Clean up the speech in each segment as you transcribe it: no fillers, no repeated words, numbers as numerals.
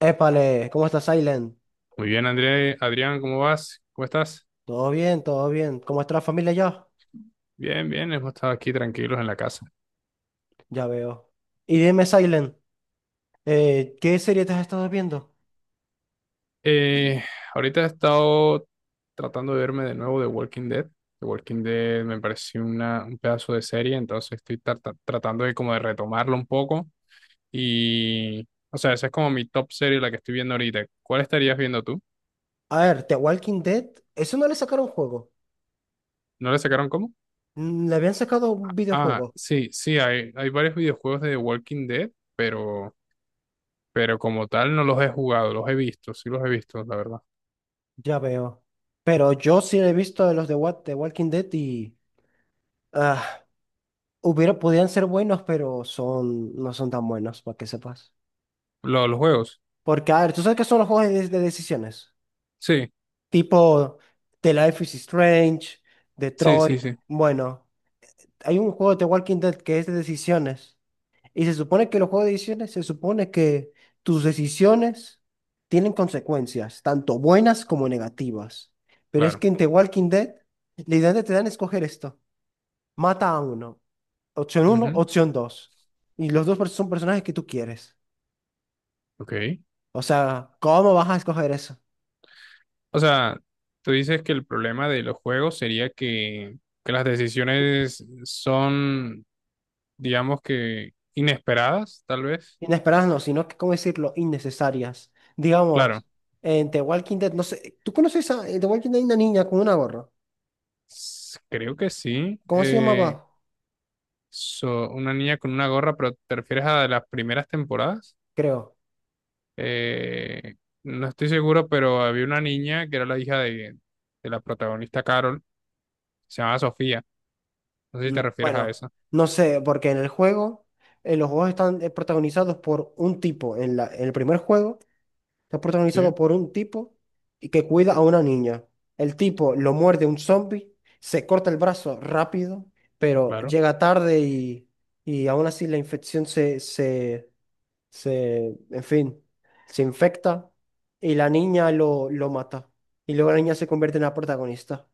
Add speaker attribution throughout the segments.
Speaker 1: Épale, ¿cómo estás, Silent?
Speaker 2: Muy bien, André, Adrián, ¿cómo vas? ¿Cómo estás?
Speaker 1: Todo bien, todo bien. ¿Cómo está la familia ya?
Speaker 2: Bien, bien, hemos estado aquí tranquilos en la casa.
Speaker 1: Ya veo. Y dime, Silent, ¿qué serie te has estado viendo?
Speaker 2: Eh, Ahorita he estado tratando de verme de nuevo The Walking Dead. The Walking Dead me pareció un pedazo de serie, entonces estoy tratando de como de retomarlo un poco. Y, o sea, esa es como mi top serie, la que estoy viendo ahorita. ¿Cuál estarías viendo tú?
Speaker 1: A ver, The Walking Dead, eso no le sacaron juego.
Speaker 2: ¿No le sacaron cómo?
Speaker 1: Mm, le habían sacado un
Speaker 2: Ah,
Speaker 1: videojuego.
Speaker 2: sí, sí, hay varios videojuegos de The Walking Dead, pero, como tal no los he jugado, los he visto, sí los he visto, la verdad.
Speaker 1: Ya veo. Pero yo sí he visto de los de What The Walking Dead y ah, hubiera, podían ser buenos, pero son, no son tan buenos, para que sepas.
Speaker 2: Los juegos.
Speaker 1: Porque, a ver, tú sabes que son los juegos de decisiones.
Speaker 2: Sí,
Speaker 1: Tipo The Life is Strange,
Speaker 2: sí,
Speaker 1: Detroit.
Speaker 2: sí, sí,
Speaker 1: Bueno, hay un juego de The Walking Dead que es de decisiones. Y se supone que los juegos de decisiones, se supone que tus decisiones tienen consecuencias, tanto buenas como negativas. Pero es
Speaker 2: claro.
Speaker 1: que en The Walking Dead, literalmente te dan a escoger esto. Mata a uno. Opción uno,
Speaker 2: Ujú.
Speaker 1: opción dos. Y los dos son personajes que tú quieres.
Speaker 2: Ok.
Speaker 1: O sea, ¿cómo vas a escoger eso?
Speaker 2: O sea, tú dices que el problema de los juegos sería que las decisiones son, digamos que, inesperadas, tal vez.
Speaker 1: Inesperadas no, sino que, ¿cómo decirlo? Innecesarias.
Speaker 2: Claro,
Speaker 1: Digamos, en The Walking Dead, no sé, ¿tú conoces a en The Walking Dead hay una niña con una gorra?
Speaker 2: creo que sí.
Speaker 1: ¿Cómo se llamaba?
Speaker 2: Una niña con una gorra, pero ¿te refieres a las primeras temporadas?
Speaker 1: Creo.
Speaker 2: Eh, no estoy seguro, pero había una niña que era la hija de la protagonista Carol, se llamaba Sofía. No sé si
Speaker 1: Y
Speaker 2: te refieres a
Speaker 1: bueno,
Speaker 2: esa.
Speaker 1: no sé, porque en el juego, los juegos están protagonizados por un tipo. En el primer juego, está
Speaker 2: Sí.
Speaker 1: protagonizado por un tipo y que cuida a una niña. El tipo lo muerde un zombie, se corta el brazo rápido, pero
Speaker 2: Claro,
Speaker 1: llega tarde y aún así la infección en fin, se infecta y la niña lo mata. Y luego la niña se convierte en la protagonista.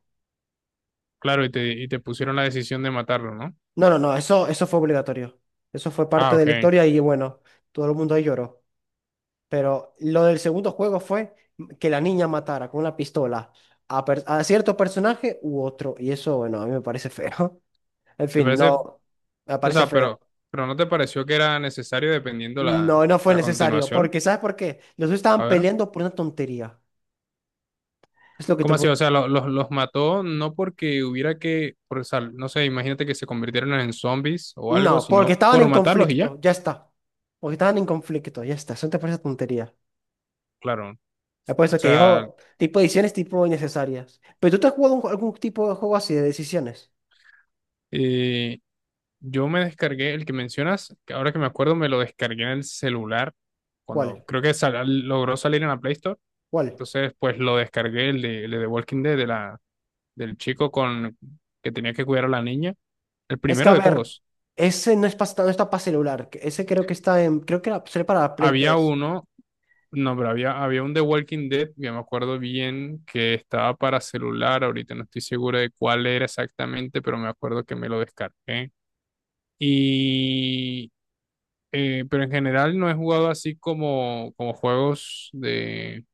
Speaker 2: claro, y te pusieron la decisión de matarlo, ¿no?
Speaker 1: No, no, no, eso fue obligatorio. Eso fue
Speaker 2: Ah,
Speaker 1: parte
Speaker 2: ok.
Speaker 1: de la historia y bueno, todo el mundo ahí lloró. Pero lo del segundo juego fue que la niña matara con una pistola a, a cierto personaje u otro. Y eso, bueno, a mí me parece feo. En fin,
Speaker 2: Parece,
Speaker 1: no, me
Speaker 2: o
Speaker 1: parece
Speaker 2: sea,
Speaker 1: feo.
Speaker 2: pero ¿no te pareció que era necesario dependiendo la,
Speaker 1: No, no fue
Speaker 2: la
Speaker 1: necesario.
Speaker 2: continuación?
Speaker 1: Porque, ¿sabes por qué? Los dos
Speaker 2: A
Speaker 1: estaban
Speaker 2: ver,
Speaker 1: peleando por una tontería. Es lo que te...
Speaker 2: ¿cómo así? O sea, los mató no porque hubiera que, no sé, imagínate que se convirtieran en zombies o algo,
Speaker 1: No, porque
Speaker 2: sino
Speaker 1: estaban
Speaker 2: por
Speaker 1: en
Speaker 2: matarlos y ya.
Speaker 1: conflicto, ya está. Porque estaban en conflicto, ya está. Eso no te parece tontería.
Speaker 2: Claro, o
Speaker 1: Apuesto que
Speaker 2: sea,
Speaker 1: yo, tipo decisiones tipo innecesarias. Pero tú te has jugado algún tipo de juego así de decisiones.
Speaker 2: yo me descargué el que mencionas, que ahora que me acuerdo me lo descargué en el celular,
Speaker 1: ¿Cuál?
Speaker 2: cuando creo que logró salir en la Play Store.
Speaker 1: ¿Cuál?
Speaker 2: Entonces, pues lo descargué, el de The Walking Dead, de la, del chico con, que tenía que cuidar a la niña. El
Speaker 1: Es que,
Speaker 2: primero
Speaker 1: a
Speaker 2: de
Speaker 1: ver,
Speaker 2: todos.
Speaker 1: ese no, es no está para celular. Que Ese creo que está en, creo que era, sale para Play
Speaker 2: Había
Speaker 1: tres.
Speaker 2: uno, no, pero había un The Walking Dead, yo me acuerdo bien, que estaba para celular, ahorita no estoy seguro de cuál era exactamente, pero me acuerdo que me lo descargué. Y, pero en general no he jugado así como juegos de,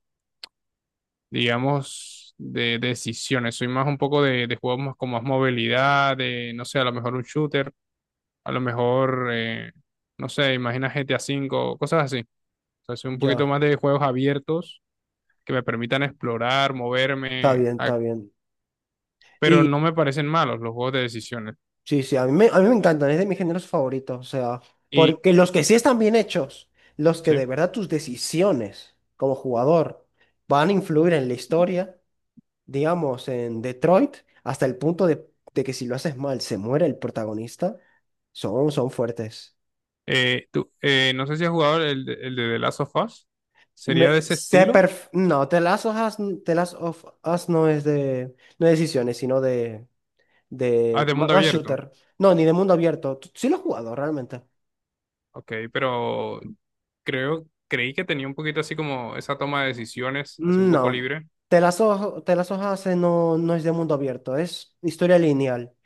Speaker 2: digamos, de decisiones. Soy más un poco de juegos más con más movilidad, de, no sé, a lo mejor un shooter, a lo mejor, no sé, imagina GTA 5 cosas así. O sea, soy un poquito
Speaker 1: Ya,
Speaker 2: más de juegos abiertos que me permitan explorar,
Speaker 1: está
Speaker 2: moverme,
Speaker 1: bien, está bien.
Speaker 2: pero
Speaker 1: Y
Speaker 2: no me parecen malos los juegos de decisiones.
Speaker 1: sí, sí, a mí me encantan, es de mis géneros favoritos. O sea,
Speaker 2: Y,
Speaker 1: porque los que sí están bien hechos, los que
Speaker 2: sí,
Speaker 1: de verdad tus decisiones como jugador van a influir en la historia, digamos, en Detroit, hasta el punto de que si lo haces mal se muere el protagonista, son, son fuertes.
Speaker 2: no sé si has jugado el de The Last of Us.
Speaker 1: Me,
Speaker 2: ¿Sería de ese estilo?
Speaker 1: no, The Last of Us, The Last of Us no es de, no de decisiones, sino de,
Speaker 2: Ah, de mundo
Speaker 1: más
Speaker 2: abierto.
Speaker 1: shooter. No, ni de mundo abierto. Sí lo he jugado realmente.
Speaker 2: Ok, pero creí que tenía un poquito así como esa toma de decisiones, así un poco
Speaker 1: No,
Speaker 2: libre.
Speaker 1: The Last of Us no, no es de mundo abierto, es historia lineal,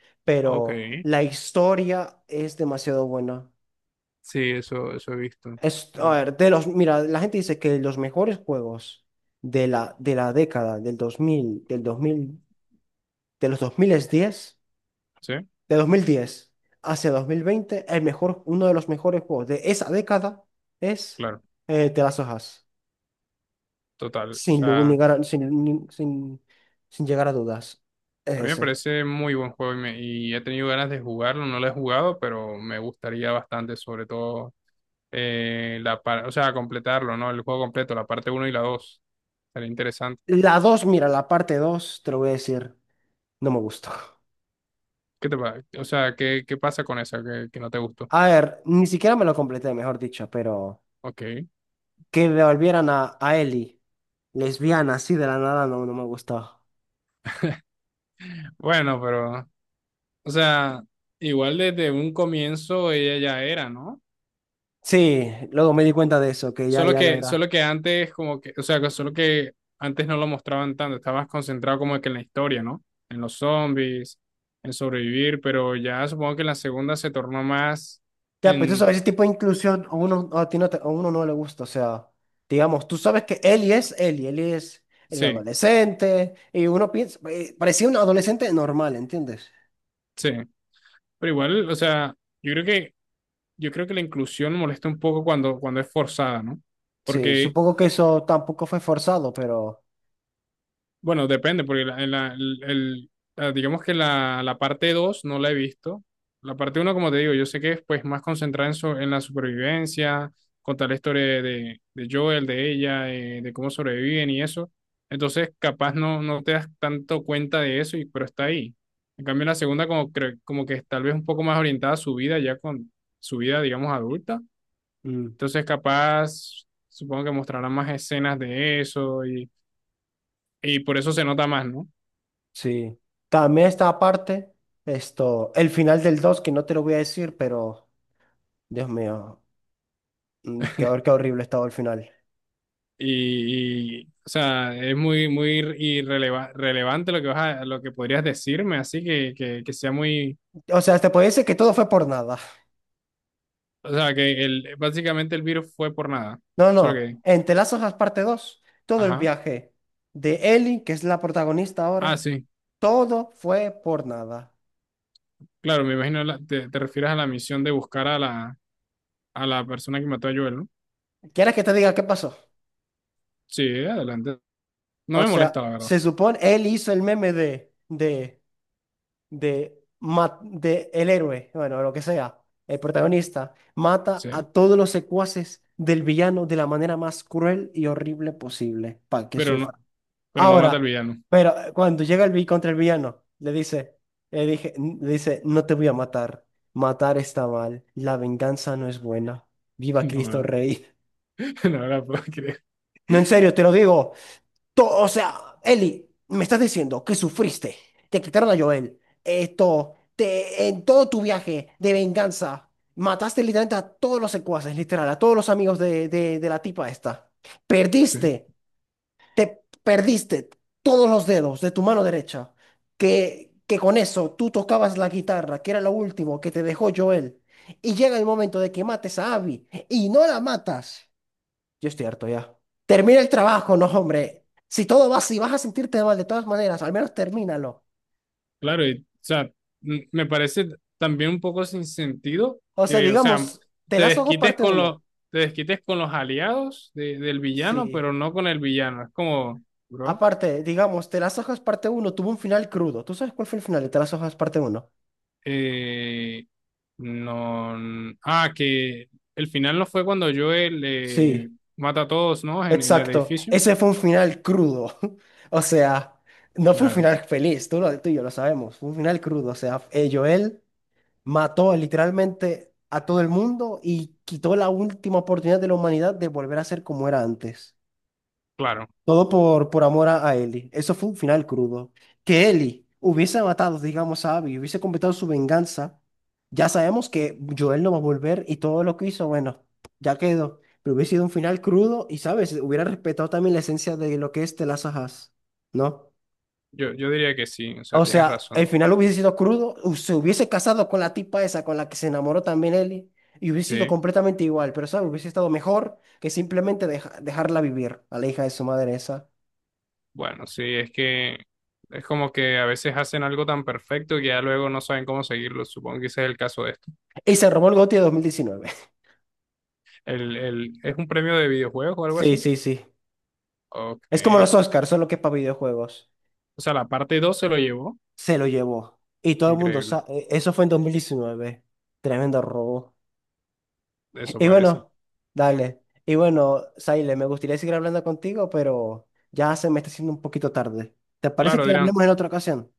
Speaker 2: Ok,
Speaker 1: pero la historia es demasiado buena.
Speaker 2: sí, eso he visto.
Speaker 1: Es, a
Speaker 2: Mm,
Speaker 1: ver, de los, mira, la gente dice que los mejores juegos de la década del dos mil, de los dos mil diez,
Speaker 2: sí,
Speaker 1: de 2010 hacia dos mil veinte, el mejor, uno de los mejores juegos de esa década es
Speaker 2: claro,
Speaker 1: The Last of Us.
Speaker 2: total. O
Speaker 1: Sin, lu- ni
Speaker 2: sea,
Speaker 1: gar- sin, ni- sin, sin llegar a dudas. Es
Speaker 2: a mí me
Speaker 1: ese.
Speaker 2: parece muy buen juego y, y he tenido ganas de jugarlo. No lo he jugado, pero me gustaría bastante, sobre todo, o sea, completarlo, ¿no? El juego completo, la parte uno y la dos. Sería interesante.
Speaker 1: La dos, mira, la parte dos te lo voy a decir, no me gustó.
Speaker 2: ¿Qué te pasa? O sea, ¿qué pasa con esa que no te gustó?
Speaker 1: A ver, ni siquiera me lo completé, mejor dicho, pero
Speaker 2: Ok.
Speaker 1: que devolvieran a Ellie. Lesbiana, así de la nada no, no me gustaba.
Speaker 2: Bueno, pero o sea, igual desde un comienzo ella ya era, ¿no?
Speaker 1: Sí, luego me di cuenta de eso, ya lo era.
Speaker 2: Solo que antes como que, o sea, que solo que antes no lo mostraban tanto, estabas concentrado como que en la historia, ¿no? En los zombies, en sobrevivir, pero ya supongo que en la segunda se tornó más
Speaker 1: Ya, pues tú
Speaker 2: en,
Speaker 1: sabes, ese tipo de inclusión a uno, a uno no le gusta, o sea, digamos, tú sabes que Eli es Eli, Eli es un
Speaker 2: sí,
Speaker 1: adolescente, y uno piensa, parecía un adolescente normal, ¿entiendes?
Speaker 2: sí, pero igual, o sea, yo creo que, yo creo que la inclusión molesta un poco cuando es forzada, ¿no?
Speaker 1: Sí,
Speaker 2: Porque
Speaker 1: supongo que eso tampoco fue forzado, pero
Speaker 2: bueno, depende, porque la, en la- el- la- digamos que la parte 2 no la he visto. La parte uno como te digo, yo sé que es pues más concentrada en, en la supervivencia, contar la historia de Joel, de ella, de cómo sobreviven y eso. Entonces, capaz no, no te das tanto cuenta de eso, y, pero está ahí. En cambio, la segunda como, como que es tal vez un poco más orientada a su vida, ya con su vida, digamos, adulta.
Speaker 1: mm,
Speaker 2: Entonces, capaz, supongo que mostrarán más escenas de eso y por eso se nota más, ¿no?
Speaker 1: sí. También está aparte, esto, el final del 2 que no te lo voy a decir, pero, Dios mío, qué horrible estaba el final.
Speaker 2: O sea, es muy, muy relevante lo que vas a, lo que podrías decirme, así que, que sea muy,
Speaker 1: O sea, te podría decir que todo fue por nada.
Speaker 2: o sea, que básicamente el virus fue por nada.
Speaker 1: No,
Speaker 2: Solo
Speaker 1: no.
Speaker 2: que,
Speaker 1: En Te las hojas parte 2, todo el
Speaker 2: ajá.
Speaker 1: viaje de Ellie, que es la protagonista
Speaker 2: Ah,
Speaker 1: ahora,
Speaker 2: sí,
Speaker 1: todo fue por nada.
Speaker 2: claro, me imagino, te refieres a la misión de buscar a la, persona que mató a Joel, ¿no?
Speaker 1: ¿Quieres que te diga qué pasó?
Speaker 2: Sí, adelante. No
Speaker 1: O
Speaker 2: me
Speaker 1: sea,
Speaker 2: molesta, la verdad,
Speaker 1: se supone, él hizo el meme de el héroe, bueno, lo que sea, el protagonista, mata
Speaker 2: sí,
Speaker 1: a todos los secuaces del villano de la manera más cruel y horrible posible, para que
Speaker 2: pero no,
Speaker 1: sufra.
Speaker 2: pero no mata al
Speaker 1: Ahora,
Speaker 2: villano.
Speaker 1: pero cuando llega el vi contra el villano, le dice, le dije, n- le dice, no te voy a matar. Matar está mal. La venganza no es buena. Viva
Speaker 2: La
Speaker 1: Cristo
Speaker 2: verdad,
Speaker 1: Rey.
Speaker 2: la verdad, puedo creer.
Speaker 1: No, en serio, te lo digo. O sea, Eli, me estás diciendo que sufriste. Te quitaron a Joel. Esto, te, en todo tu viaje de venganza, mataste literalmente a todos los secuaces, literal, a todos los amigos de la tipa esta.
Speaker 2: Sí.
Speaker 1: Perdiste. Te perdiste todos los dedos de tu mano derecha, que con eso tú tocabas la guitarra, que era lo último que te dejó Joel, y llega el momento de que mates a Abby y no la matas. Yo estoy harto ya. Termina el trabajo, no, hombre. Si todo va si vas a sentirte mal de todas maneras, al menos termínalo.
Speaker 2: Claro, y, o sea, me parece también un poco sin sentido
Speaker 1: O sea,
Speaker 2: que, o sea,
Speaker 1: digamos, Te
Speaker 2: te
Speaker 1: las ojos
Speaker 2: desquites
Speaker 1: parte
Speaker 2: con los,
Speaker 1: uno.
Speaker 2: te desquites con los aliados del villano,
Speaker 1: Sí.
Speaker 2: pero no con el villano. Es como, bro,
Speaker 1: Aparte, digamos, Te las hojas parte uno tuvo un final crudo. ¿Tú sabes cuál fue el final de Te las hojas parte uno?
Speaker 2: eh, no, que el final no fue cuando Joel
Speaker 1: Sí.
Speaker 2: mata a todos, ¿no? En el
Speaker 1: Exacto,
Speaker 2: edificio.
Speaker 1: ese fue un final crudo. O sea, no fue un
Speaker 2: Claro,
Speaker 1: final feliz, tú y yo lo sabemos, fue un final crudo. O sea, Joel mató literalmente a todo el mundo y quitó la última oportunidad de la humanidad de volver a ser como era antes.
Speaker 2: claro.
Speaker 1: Todo por amor a Ellie. Eso fue un final crudo. Que Ellie hubiese matado, digamos, a Abby, hubiese completado su venganza. Ya sabemos que Joel no va a volver y todo lo que hizo, bueno, ya quedó. Pero hubiese sido un final crudo y, ¿sabes? Hubiera respetado también la esencia de lo que es The Last of Us, ¿no?
Speaker 2: Yo diría que sí, o sea,
Speaker 1: O
Speaker 2: tienes
Speaker 1: sea, el
Speaker 2: razón.
Speaker 1: final hubiese sido crudo, se hubiese casado con la tipa esa con la que se enamoró también Ellie y hubiese sido
Speaker 2: Sí.
Speaker 1: completamente igual, pero, ¿sabes? Hubiese estado mejor que simplemente dejarla vivir a la hija de su madre esa.
Speaker 2: Bueno, sí, es que es como que a veces hacen algo tan perfecto que ya luego no saben cómo seguirlo. Supongo que ese es el caso de esto.
Speaker 1: Y se robó el GOTY de 2019.
Speaker 2: ¿Es un premio de videojuegos o algo
Speaker 1: Sí,
Speaker 2: así?
Speaker 1: sí, sí.
Speaker 2: Ok.
Speaker 1: Es como los Oscars, solo que para videojuegos.
Speaker 2: O sea, la parte 2 se lo llevó.
Speaker 1: Se lo llevó. Y todo el mundo
Speaker 2: Increíble.
Speaker 1: sabe. Eso fue en 2019. Tremendo robo.
Speaker 2: Eso
Speaker 1: Y
Speaker 2: parece.
Speaker 1: bueno, dale. Y bueno, Saile, me gustaría seguir hablando contigo, pero ya se me está haciendo un poquito tarde. ¿Te parece
Speaker 2: Claro,
Speaker 1: que
Speaker 2: dirán.
Speaker 1: hablemos en otra ocasión?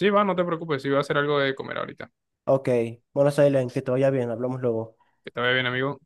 Speaker 2: Sí, va, no te preocupes, sí, voy a hacer algo de comer ahorita.
Speaker 1: Ok. Bueno, Saile, que te vaya bien. Hablamos luego.
Speaker 2: Que te vaya bien, amigo.